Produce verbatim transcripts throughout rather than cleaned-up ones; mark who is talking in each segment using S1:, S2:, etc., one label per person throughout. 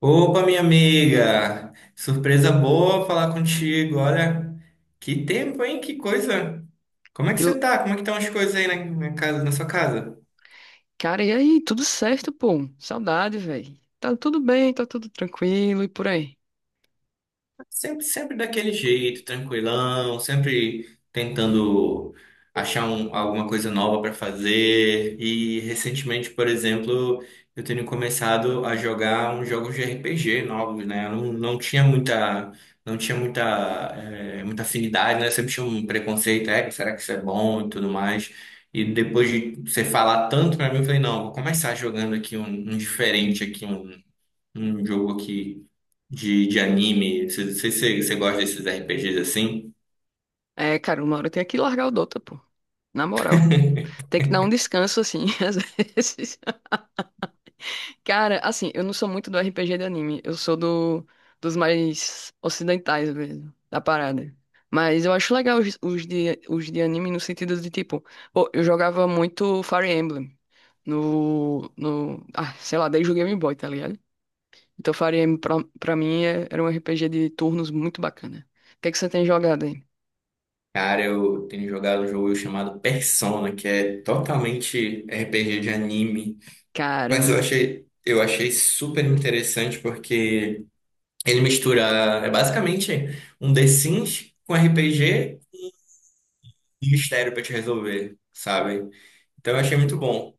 S1: Opa, minha amiga! Surpresa boa falar contigo. Olha, que tempo, hein? Que coisa! Como é que
S2: Que l-
S1: você tá? Como é que estão as coisas aí na, na casa, na sua casa?
S2: Cara, e aí? Tudo certo, pô? Saudade, velho. Tá tudo bem, tá tudo tranquilo e por aí.
S1: Sempre, sempre daquele jeito, tranquilão, sempre tentando achar um- alguma coisa nova para fazer. E recentemente, por exemplo, eu tenho começado a jogar uns jogos de R P G novos, né? Eu não, não tinha muita, não tinha muita, eh, muita afinidade, né? Eu sempre tinha um preconceito, é, será que isso é bom e tudo mais. E depois de você falar tanto para mim, eu falei, não, vou começar jogando aqui um, um diferente aqui, um, um jogo aqui de, de anime. Você você- você- você gosta desses R P Gs assim?
S2: É, cara, uma hora tem que largar o Dota, pô. Na moral. Tem que dar um descanso, assim, às vezes. Cara, assim, eu não sou muito do R P G de anime. Eu sou do, dos mais ocidentais mesmo, da parada. Mas eu acho legal os, os de, os de anime no sentido de, tipo... Pô, eu jogava muito Fire Emblem no, no, ah, sei lá, desde o Game Boy, tá ligado? Então, Fire Emblem pra, pra mim é- era um R P G de turnos muito bacana. O que é que você tem jogado aí?
S1: Cara, eu tenho jogado um jogo chamado Persona, que é totalmente R P G de anime. Mas eu
S2: Caramba.
S1: achei, eu achei super interessante porque ele mistura, é basicamente um The Sims com R P G e mistério pra te resolver, sabe? Então eu achei muito bom.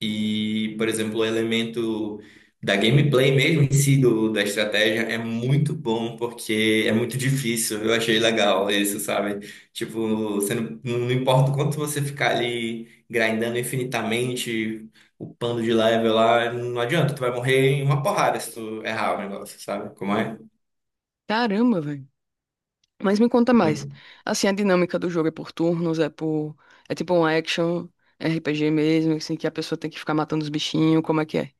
S1: E, por exemplo, o elemento da gameplay mesmo em si, do, da estratégia, é muito bom porque é muito difícil. Eu achei legal isso, sabe? Tipo, você não, não importa o quanto você ficar ali grindando infinitamente, upando de level lá, não adianta, tu vai morrer em uma porrada se tu errar o negócio, sabe? Como é?
S2: Caramba, velho. Mas me conta mais. Assim, a dinâmica do jogo é por turnos, é por. É tipo um action R P G mesmo, assim, que a pessoa tem que ficar matando os bichinhos, como é que é?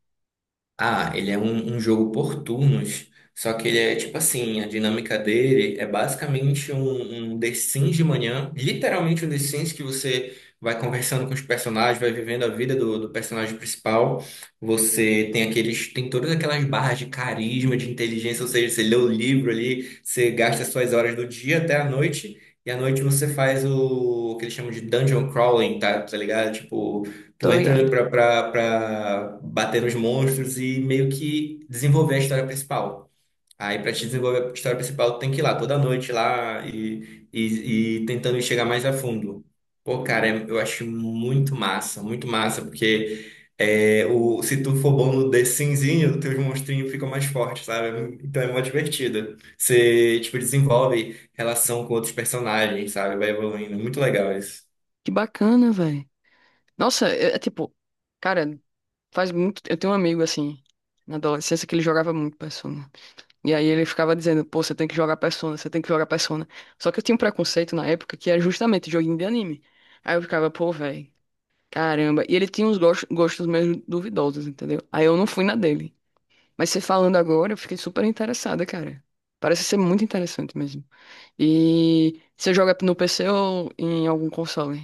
S1: Ah, ele é um, um jogo por turnos, só que ele é tipo assim, a dinâmica dele é basicamente um, um The Sims de manhã, literalmente um The Sims que você vai conversando com os personagens, vai vivendo a vida do, do personagem principal. Você tem aqueles, tem todas aquelas barras de carisma, de inteligência, ou seja, você lê o livro ali, você gasta suas horas do dia até a noite, e à noite você faz o, o que eles chamam de dungeon crawling, tá? Tá ligado? Tipo, tu
S2: Tô
S1: entra
S2: ligado.
S1: pra, pra, pra bater nos monstros e meio que desenvolver a história principal. Aí pra te desenvolver a história principal, tu tem que ir lá toda noite lá e, e, e tentando chegar mais a fundo. Pô, cara, é- eu acho muito massa, muito massa, porque é, o, se tu for bom no The Simzinho, teus monstrinhos ficam mais fortes, sabe? Então é mó divertido. Você, tipo, desenvolve relação com outros personagens, sabe? Vai evoluindo. É muito legal isso.
S2: Que bacana, velho. Nossa, é, é tipo. Cara, faz muito. Eu tenho um amigo, assim, na adolescência, que ele jogava muito Persona. E aí ele ficava dizendo, pô, você tem que jogar Persona, você tem que jogar Persona. Só que eu tinha um preconceito na época que era justamente joguinho de anime. Aí eu ficava, pô, velho, caramba. E ele tinha uns gos- gostos meio duvidosos, entendeu? Aí eu não fui na dele. Mas você falando agora, eu fiquei super interessada, cara. Parece ser muito interessante mesmo. E você joga no P C ou em algum console?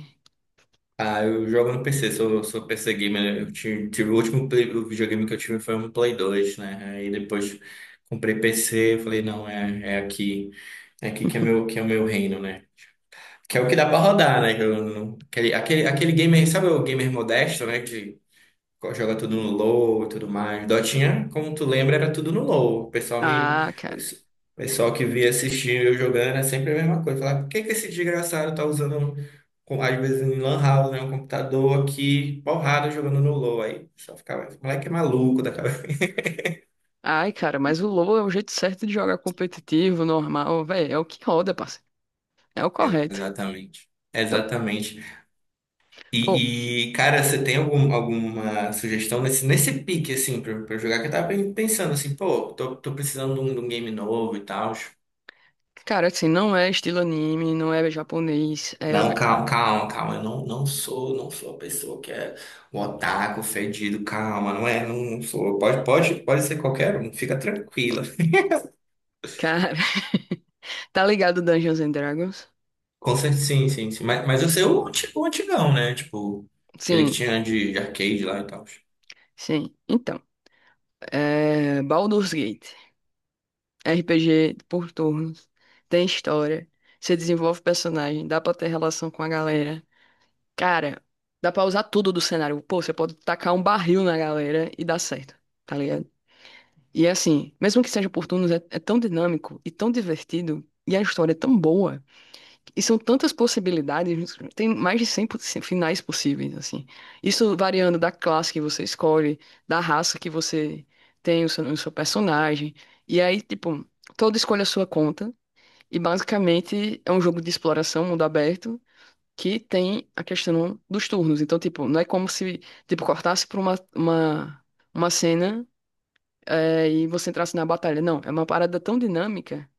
S1: Ah, eu jogo no P C, sou, sou P C gamer. Eu tive, tive o último play- o videogame que eu tive foi um Play dois, né? Aí depois comprei P C, eu falei, não, é, é aqui, é aqui que é meu, que é o meu reino, né? Que é o que dá pra rodar, né? Que eu não- aquele, aquele, aquele gamer, sabe, o gamer modesto, né? Joga tudo no low e tudo mais. Dotinha, como tu lembra, era tudo no low. O pessoal me.
S2: Ah, cara.
S1: O pessoal que via assistir eu jogando é sempre a mesma coisa. Falar, por que que esse desgraçado tá usando, um, com- às vezes, em lan house, né? Um computador aqui, porrada, jogando no low. Aí só ficava, esse moleque é maluco da cabeça.
S2: Ai, cara, mas o LoL é o jeito certo de jogar competitivo, normal, velho. É o que roda, parceiro. É o
S1: É,
S2: correto.
S1: exatamente.
S2: É o-
S1: Exatamente.
S2: Pô,
S1: E, e, cara, você tem algum, alguma sugestão nesse, nesse pique, assim, pra, pra eu jogar? Que eu tava pen- pensando assim, pô, tô, tô precisando de um, de um game novo e tal.
S2: cara, assim, não é estilo anime, não é japonês,
S1: Não,
S2: é...
S1: calma, calma, calma. Eu não, não sou, não sou a pessoa que é o otaku fedido. Calma, não é, não, não sou. Pode, pode, pode ser qualquer um. Fica tranquila.
S2: Cara, tá ligado Dungeons and Dragons?
S1: Com certeza, sim, sim, sim. Mas, mas eu sei o anti- o antigão, né? Tipo, aquele que
S2: Sim,
S1: tinha de, de arcade lá e tal.
S2: sim. Então, é... Baldur's Gate, R P G por turnos, tem história, você desenvolve personagem, dá pra ter relação com a galera. Cara, dá pra usar tudo do cenário. Pô, você pode tacar um barril na galera e dá certo, tá ligado? E assim, mesmo que seja por turnos, é, é tão dinâmico e tão divertido, e a história é tão boa. E são tantas possibilidades, tem mais de cem possi- finais possíveis, assim. Isso variando da classe que você escolhe, da raça que você tem o seu, o seu personagem. E aí, tipo, todo escolhe a sua conta. E basicamente é um jogo de exploração, mundo aberto, que tem a questão dos turnos. Então, tipo, não é como se, tipo, cortasse por uma, uma, uma cena, eh, e você entrasse na batalha. Não, é uma parada tão dinâmica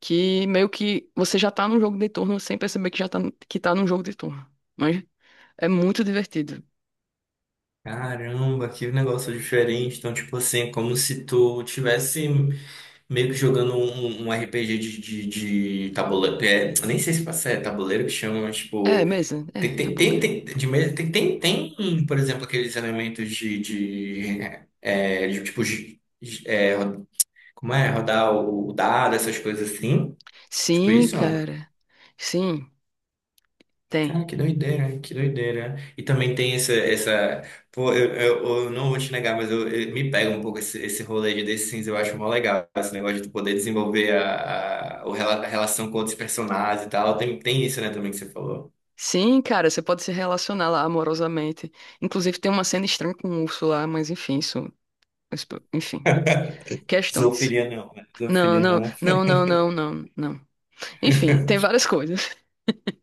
S2: que meio que você já tá num jogo de turno sem perceber que já tá, que tá num jogo de turno. Mas é muito divertido.
S1: Caramba, que negócio diferente. Então, tipo assim, é como se tu tivesse meio que jogando um, um R P G de, de, de tabuleiro. É, eu nem sei se passa- é tabuleiro que chama, mas
S2: É,
S1: tipo.
S2: mesa, é,
S1: Tem, tem, tem,
S2: tabuleiro.
S1: tem, de mesa, tem, tem, tem, por exemplo, aqueles elementos de, de, é, de, tipo, de- de- é, ro- como é, rodar o, o dado, essas coisas assim. Tipo
S2: Sim,
S1: isso, não?
S2: cara. Sim, tem.
S1: Cara, que doideira, que doideira. E também tem essa, essa, pô, eu, eu, eu não vou te negar, mas eu, eu- me pega um pouco esse, esse rolê de The Sims, eu acho mó legal, esse negócio de tu poder desenvolver a, a, o rela- a relação com outros personagens e tal. Tem, tem isso, né, também que você falou.
S2: Sim, cara, você pode se relacionar lá amorosamente. Inclusive tem uma cena estranha com o urso lá, mas enfim, isso, isso- enfim, questões.
S1: Zoofilia não, né?
S2: Não,
S1: Zoofilia
S2: não,
S1: não.
S2: não, não, não, não, não. Enfim, tem várias coisas.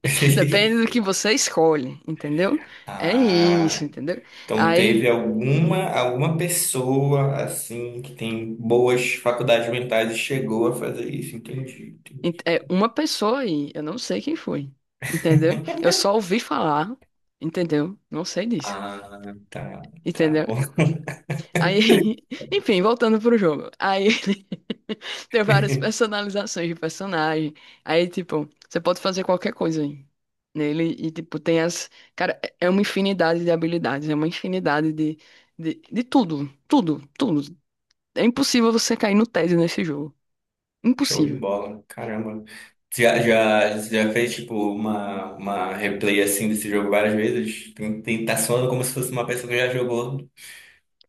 S2: Depende do que você escolhe, entendeu? É isso,
S1: Ah,
S2: entendeu?
S1: então
S2: Aí
S1: teve alguma alguma pessoa assim que tem boas faculdades mentais e chegou a fazer isso, entendi, entendi.
S2: Ent- É uma pessoa aí, eu não sei quem foi, entendeu? Eu só ouvi falar, entendeu? Não sei disso,
S1: Ah, tá, tá
S2: entendeu?
S1: bom.
S2: Aí, enfim, voltando pro jogo. Aí tem várias personalizações de personagem. Aí, tipo, você pode fazer qualquer coisa aí nele e, tipo, tem as. Cara, é é uma infinidade de habilidades, é uma infinidade de, de, de tudo, tudo, tudo. É impossível você cair no tédio nesse jogo.
S1: Show de
S2: Impossível.
S1: bola, caramba. Já, já, já fez tipo uma, uma replay assim desse jogo várias vezes? Tem, tem, tá soando como se fosse uma pessoa que já jogou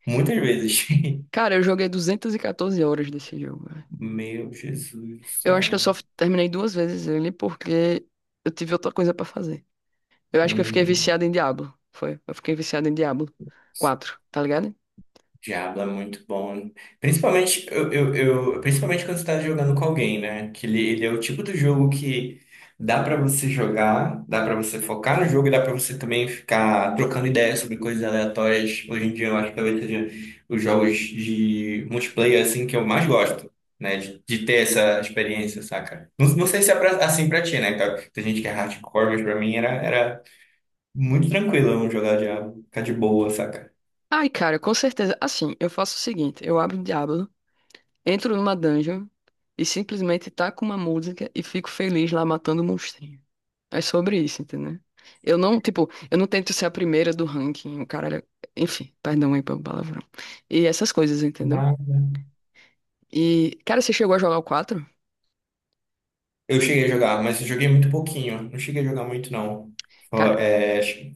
S1: muitas vezes.
S2: Cara, eu joguei duzentas e catorze horas desse jogo.
S1: Meu Jesus do
S2: Eu acho que eu
S1: céu.
S2: só terminei duas vezes ele porque eu tive outra coisa pra fazer. Eu acho que eu fiquei
S1: Uhum.
S2: viciado em Diablo. Foi. Eu fiquei viciado em Diablo quatro, tá ligado?
S1: Diablo é muito bom. Principalmente, eu, eu, eu- principalmente quando você tá jogando com alguém, né? Que ele, ele é o tipo do jogo que dá pra você jogar, dá pra você focar no jogo e dá pra você também ficar trocando ideias sobre coisas aleatórias. Hoje em dia eu acho que talvez seja os jogos de multiplayer assim que eu mais gosto, né? De, de ter essa experiência, saca? Não, não sei se é pra- assim pra ti, né? Tá. Tem gente que é hardcore, mas pra mim era, era muito tranquilo eu não jogar Diablo, ficar de boa, saca?
S2: Ai, cara, com certeza. Assim, eu faço o seguinte: eu abro o Diablo, entro numa dungeon e simplesmente taco uma música e fico feliz lá matando o monstrinho. É sobre isso, entendeu? Eu não, tipo, eu não tento ser a primeira do ranking, o cara. Enfim, perdão aí pelo palavrão. E essas coisas, entendeu? E, cara, você chegou a jogar o quatro,
S1: Eu cheguei a jogar, mas eu joguei muito pouquinho. Não cheguei a jogar muito, não.
S2: cara.
S1: Ó, é, acho-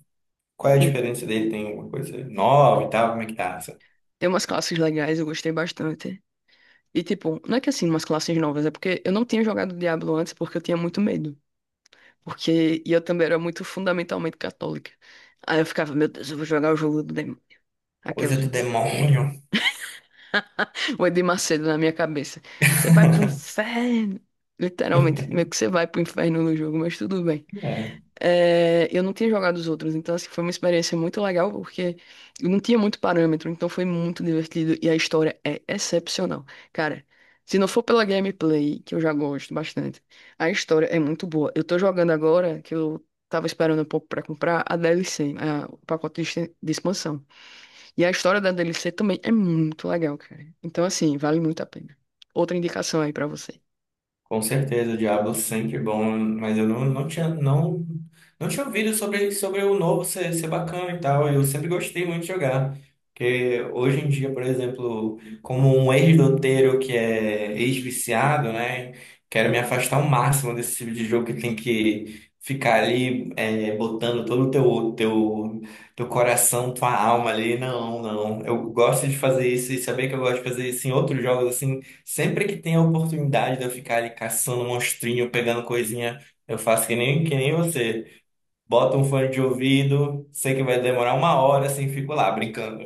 S1: qual é a diferença dele? Tem alguma coisa nova e tal? Como é que tá? Essa
S2: Tem umas classes legais, eu gostei bastante. E, tipo, não é que assim, umas classes novas, é porque eu não tinha jogado Diablo antes porque eu tinha muito medo. Porque e eu também era muito fundamentalmente católica. Aí eu ficava, meu Deus, eu vou jogar o jogo do demônio.
S1: coisa
S2: Aquelas,
S1: do
S2: né?
S1: demônio.
S2: O Edir Macedo na minha cabeça. Você vai pro inferno. Literalmente, meio que você vai pro inferno no jogo, mas tudo bem.
S1: É.
S2: É, eu não tinha jogado os outros, então assim, foi uma experiência muito legal porque eu não tinha muito parâmetro, então foi muito divertido e a história é excepcional. Cara, se não for pela gameplay, que eu já gosto bastante, a história é muito boa. Eu tô jogando agora, que eu tava esperando um pouco pra comprar, a D L C, a- o pacote de, exten- de expansão. E a história da D L C também é muito legal, cara. Então assim, vale muito a pena. Outra indicação aí pra você.
S1: Com certeza, o Diablo sempre é bom, mas eu não, não tinha, não, não tinha ouvido sobre, sobre o novo ser, ser bacana e tal. Eu sempre gostei muito de jogar. Porque hoje em dia, por exemplo, como um ex-doteiro que é ex-viciado, né? Quero me afastar ao máximo desse tipo de jogo que tem que ficar ali é, botando todo o teu, teu, teu coração, tua alma ali. Não, não. Eu gosto de fazer isso e saber que eu gosto de fazer isso em outros jogos assim. Sempre que tem a oportunidade de eu ficar ali caçando monstrinho, pegando coisinha, eu faço que nem, que nem você. Bota um fone de ouvido, sei que vai demorar uma hora, assim, fico lá brincando.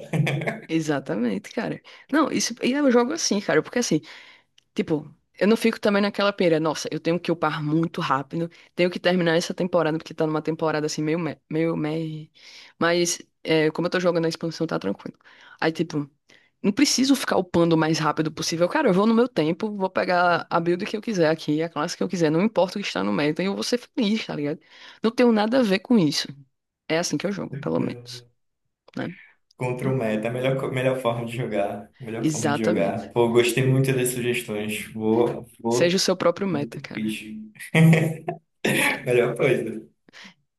S2: Exatamente, cara. Não, isso, e eu jogo assim, cara, porque assim, tipo, eu não fico também naquela pira, nossa, eu tenho que upar muito rápido, tenho que terminar essa temporada, porque tá numa temporada assim, meio, me- meio, meio. Mas, é, como eu tô jogando a expansão, tá tranquilo. Aí, tipo, não preciso ficar upando o mais rápido possível. Cara, eu vou no meu tempo, vou pegar a build que eu quiser aqui, a classe que eu quiser, não importa o que está no meta, e eu vou ser feliz, tá ligado? Não tenho nada a ver com isso. É assim que eu jogo, pelo menos,
S1: É.
S2: né?
S1: Contra o meta, é a melhor, co- melhor forma de jogar. Melhor forma de jogar.
S2: Exatamente.
S1: Pô, gostei muito das sugestões. Vou, vou,
S2: Seja o seu próprio
S1: me
S2: meta,
S1: ter-
S2: cara.
S1: fiz. Melhor coisa.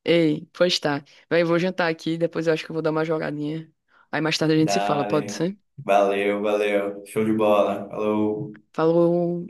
S2: Ei, pois tá. Véi, vou jantar aqui, depois eu acho que eu vou dar uma jogadinha. Aí mais tarde a gente se fala, pode
S1: Dale.
S2: ser?
S1: Valeu, valeu. Show de bola. Falou.
S2: Falou.